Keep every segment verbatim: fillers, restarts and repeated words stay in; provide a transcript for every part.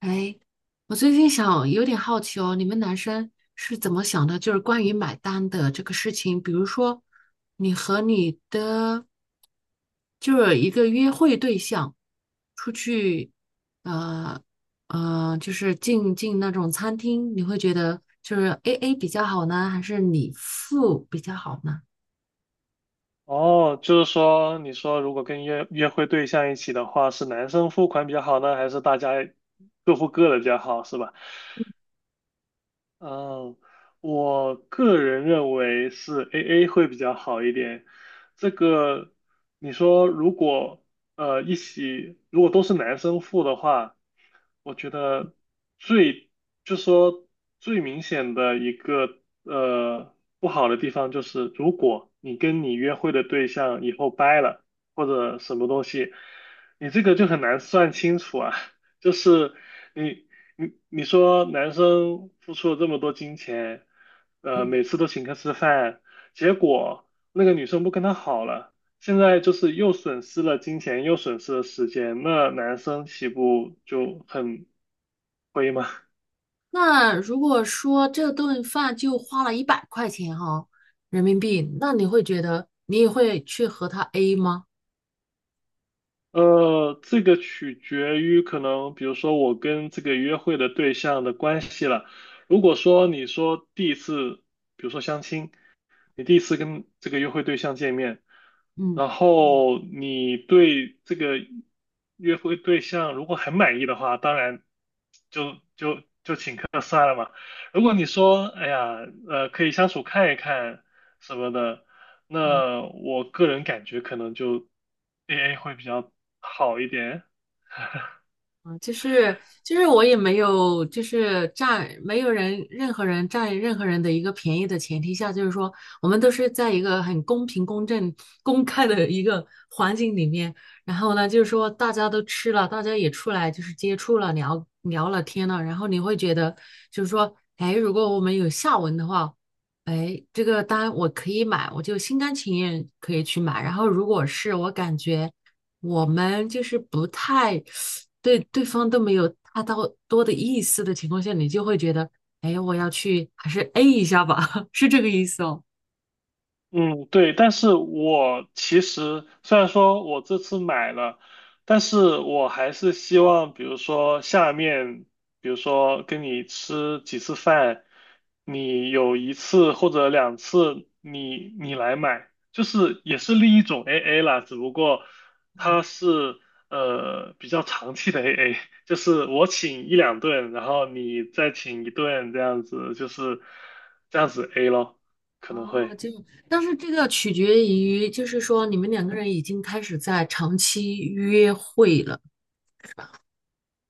哎，我最近想有点好奇哦，你们男生是怎么想的？就是关于买单的这个事情，比如说你和你的就是一个约会对象出去，呃呃，就是进进那种餐厅，你会觉得就是 A A 比较好呢，还是你付比较好呢？哦，就是说，你说如果跟约约会对象一起的话，是男生付款比较好呢，还是大家各付各的比较好，是吧？嗯，我个人认为是 A A 会比较好一点。这个，你说如果呃一起，如果都是男生付的话，我觉得最就说最明显的一个呃不好的地方就是，如果你跟你约会的对象以后掰了或者什么东西，你这个就很难算清楚啊。就是你你你说男生付出了这么多金钱，呃，嗯。每次都请客吃饭，结果那个女生不跟他好了，现在就是又损失了金钱，又损失了时间，那男生岂不就很亏吗？那如果说这顿饭就花了一百块钱哈、人民币，那你会觉得你也会去和他 A 吗？呃，这个取决于可能，比如说我跟这个约会的对象的关系了。如果说你说第一次，比如说相亲。你第一次跟这个约会对象见面，嗯，然后你对这个约会对象如果很满意的话，当然就就如果你说哎呀呃可以相处看一看什么的，那我个人感觉可能就 A A 会比较好一点。啊，就是就是我也没有，就是占没有人任何人占任何人的一个便宜的前提下，就是说我们都是在一个很公平、公正、公开的一个环境里面。然后呢，就是说大家都吃了，大家也出来就是接触了、聊聊了天了，然后你会觉得就是说，哎，如果我们有下文的话，哎，这个单我可以买，我就心甘情愿可以去买。然后如果是我感觉。我们就是不太对对方都没有大到多的意思的情况下，你就会觉得，哎，我要去还是 A 一下吧，是这个意思哦。嗯，对，但是我其实虽然说我这次买了，但是我还是希望，比如说下面，比如说跟你吃几次饭，你有一次或者两次你你来买，就是也是另一种 A A 啦，只不过啊它是呃比较长期的 A A，就是我请一两顿，然后你再请一顿这样子，就是这样子 A 咯，可能哦，会。就，但是这个取决于，就是说你们两个人已经开始在长期约会了，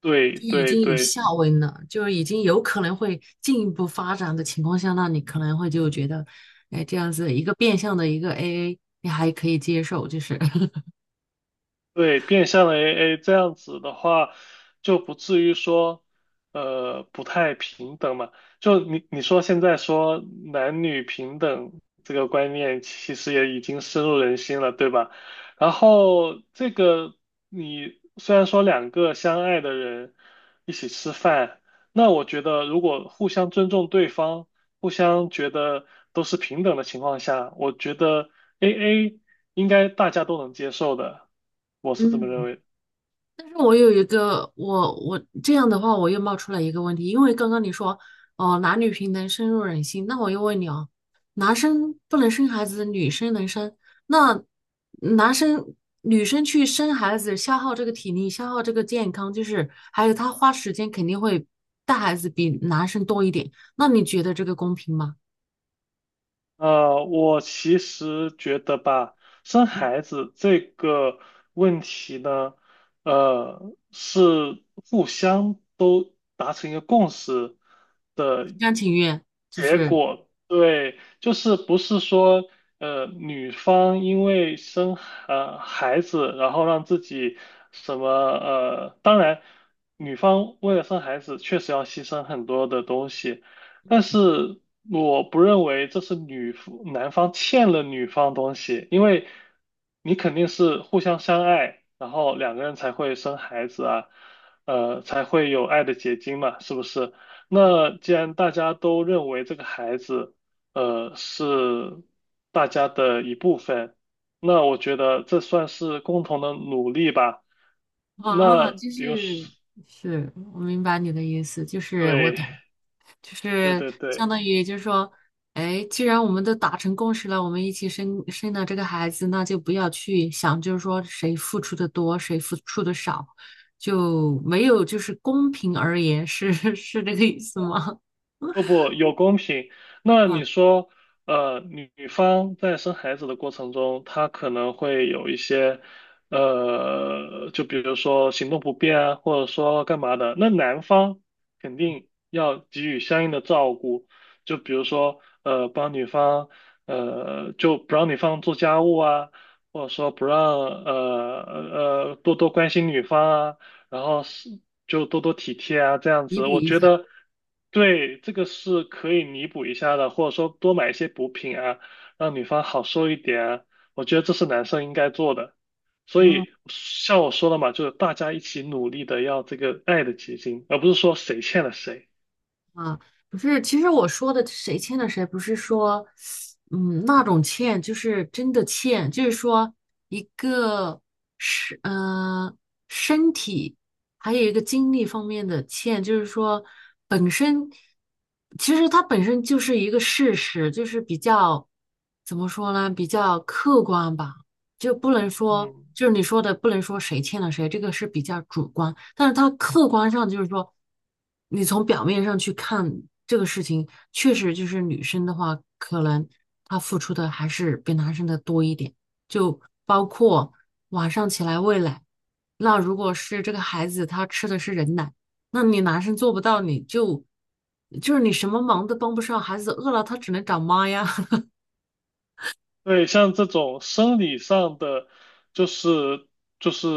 对就已对经有对下文了，就是已经有可能会进一步发展的情况下，那你可能会就觉得，哎，这样子一个变相的一个 A A，你还可以接受，就是，对，变相的 A A 这样子的话，就不至于说，呃，不太平等嘛。就你你说现在说男女平等这个观念，其实也已经深入人心了，对吧？然后这个你虽然说两个相爱的人一起吃饭，那我觉得如果互相尊重对方，互相觉得都是平等的情况下，我觉得 A A。应该大家都能接受的，我是这么认嗯。为的。但是我有一个，我我这样的话，我又冒出来一个问题，因为刚刚你说哦，男女平等深入人心，那我又问你哦，男生不能生孩子，女生能生，那男生女生去生孩子，消耗这个体力，消耗这个健康，就是还有他花时间肯定会带孩子比男生多一点，那你觉得这个公平吗？呃，我其实觉得吧，生嗯，孩子这个问题呢，呃，是互相都达成一个共识的。心甘情愿，就是对，就是不是说，呃，女方因为生呃孩子，然后让自己什么呃，当然，女方为了生孩子确实要牺牲很多的东西，但是我不认为这是女夫男方欠了女方东西，因为你肯定是互相相爱，然后两个人才会生孩子啊，呃，才会有爱的结晶嘛，是不是？那既然大家都认为这个孩子。呃，是大家的一部分。那我觉得这算是共同的努力吧。啊，那就比如是说是，我明白你的意思，就是我懂。就对是对对相对。当于就是说，哎，既然我们都达成共识了，我们一起生生了这个孩子，那就不要去想，就是说谁付出的多，谁付出的少，就没有就是公平而言，是 是这个意思吗？不不有公平。那哇，你说，呃，女女方在生孩子的过程中，她可能会有一些，呃，就比如说行动不便啊，或者说干嘛的，那男方肯定要给予相应的照顾，就比如说，呃，帮女方，呃，就不让女方做家务啊，或者说不让，呃呃，呃多多关心女方啊。然后是就多多体贴啊，这样弥子，补我一觉下。得对这个是可以弥补一下的，或者说多买一些补品啊，让女方好受一点啊，我觉得这是男生应该做的。所嗯以像我说的嘛，就是大家一起努力的要这个爱的结晶，而不是说谁欠了谁。啊，不是，其实我说的谁欠了谁，不是说，嗯，那种欠，就是真的欠，就是说一个是，呃，身体，还有一个精力方面的欠，就是说本身，其实它本身就是一个事实，就是比较，怎么说呢，比较客观吧，就不能说，嗯，就是你说的不能说谁欠了谁，这个是比较主观。但是他客观上就是说，你从表面上去看这个事情，确实就是女生的话，可能她付出的还是比男生的多一点，就包括晚上起来喂奶。那如果是这个孩子他吃的是人奶，那你男生做不到，你就就是你什么忙都帮不上，孩子饿了他只能找妈呀。对，像这种生理上的，就是就是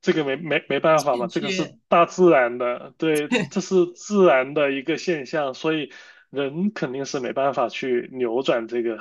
这个没没没办法嘛，欠这个是缺，大自然的，对，对，这是自然的一个现象，所以人肯定是没办法去扭转这个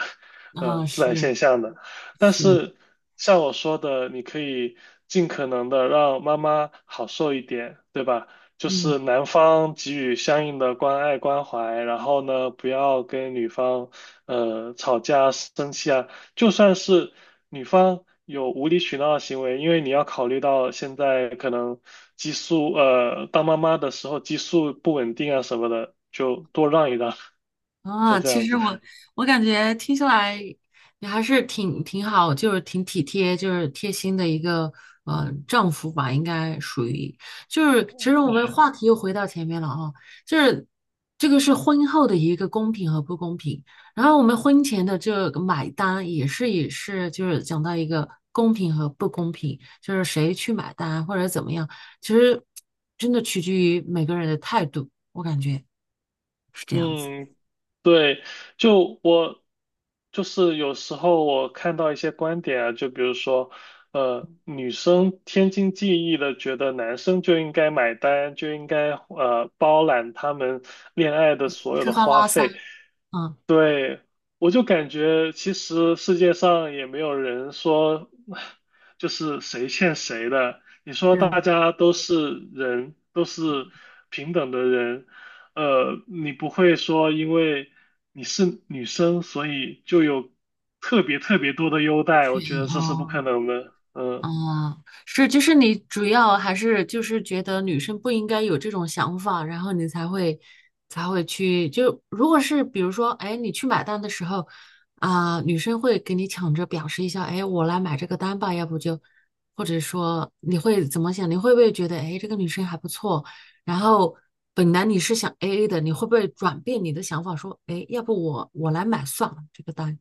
呃啊，自然是现象的。但是，是像我说的，你可以尽可能的让妈妈好受一点，对吧？就嗯。是男方给予相应的关爱关怀，然后呢，不要跟女方呃吵架生气啊。就算是女方有无理取闹的行为，因为你要考虑到现在可能激素，呃，当妈妈的时候激素不稳定啊什么的，就多让一让，就啊，这其样实子。我我感觉听下来，你还是挺挺好，就是挺体贴，就是贴心的一个呃丈夫吧，应该属于。就是其实我们话题又回到前面了啊，就是这个是婚后的一个公平和不公平，然后我们婚前的这个买单也是也是就是讲到一个公平和不公平，就是谁去买单或者怎么样，其实真的取决于每个人的态度，我感觉是这样子。嗯，对，就我就是有时候我看到一些观点啊，就比如说，呃，女生天经地义的觉得男生就应该买单，就应该呃包揽他们恋爱的所有吃的喝花拉撒，费。嗯，对，我就感觉其实世界上也没有人说 就是谁欠谁的。你说是大家都是人，都是平等的人。呃，你不会说因为你是女生，所以就有特别特别多的优待，全，我觉得这是不可哦，能的。嗯。啊，是，就是你主要还是就是觉得女生不应该有这种想法，然后你才会才会去，就如果是比如说，哎，你去买单的时候，啊、女生会给你抢着表示一下，哎，我来买这个单吧，要不就，或者说你会怎么想？你会不会觉得，哎，这个女生还不错？然后本来你是想 A A 的，你会不会转变你的想法，说，哎，要不我我来买算了这个单？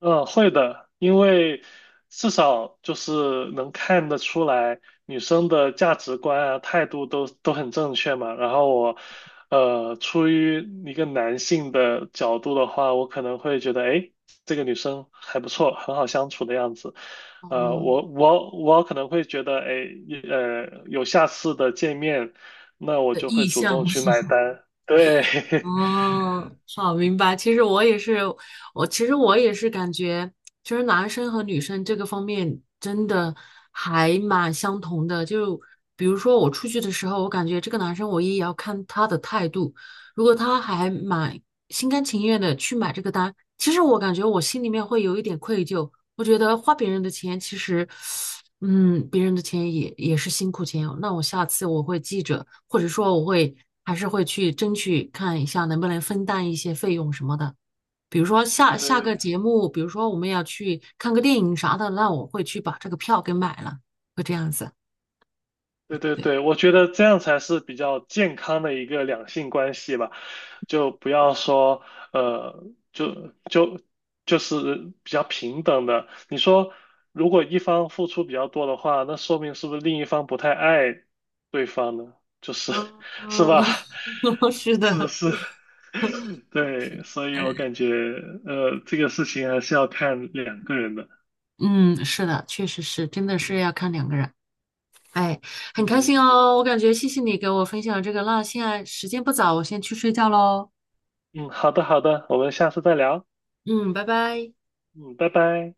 嗯，会的，因为至少就是能看得出来女生的价值观啊、态度都都很正确嘛。然后我，呃，出于一个男性的角度的话，我可能会觉得，哎，这个女生还不错，很好相处的样子。呃，哦，我我我可能会觉得，哎，呃，有下次的见面，那我的就会意主向动吗？去买 单。对，哦，好，明白。其实我也是，我其实我也是感觉，其实男生和女生这个方面真的还蛮相同的。就比如说我出去的时候，我感觉这个男生我也要看他的态度。如果他还蛮心甘情愿的去买这个单，其实我感觉我心里面会有一点愧疚。我觉得花别人的钱，其实，嗯，别人的钱也也是辛苦钱哦。那我下次我会记着，或者说我会还是会去争取看一下能不能分担一些费用什么的。比如说下对下个对。节目，比如说我们要去看个电影啥的，那我会去把这个票给买了，会这样子。对对对，对，我觉得这样才是比较健康的一个两性关系吧，就不要说呃，就就就是比较平等的。你说，如果一方付出比较多的话，那说明是不是另一方不太爱对方呢？就是 嗯，是吧？嗯 是是的。是，对，所以我感觉呃，这个事情还是要看两个人的。嗯，是的，确实是，真的是要看两个人。哎，很开嗯。心哦，我感觉谢谢你给我分享这个。那现在时间不早，我先去睡觉喽。嗯，好的好的，我们下次再聊。嗯，拜拜。嗯，拜拜。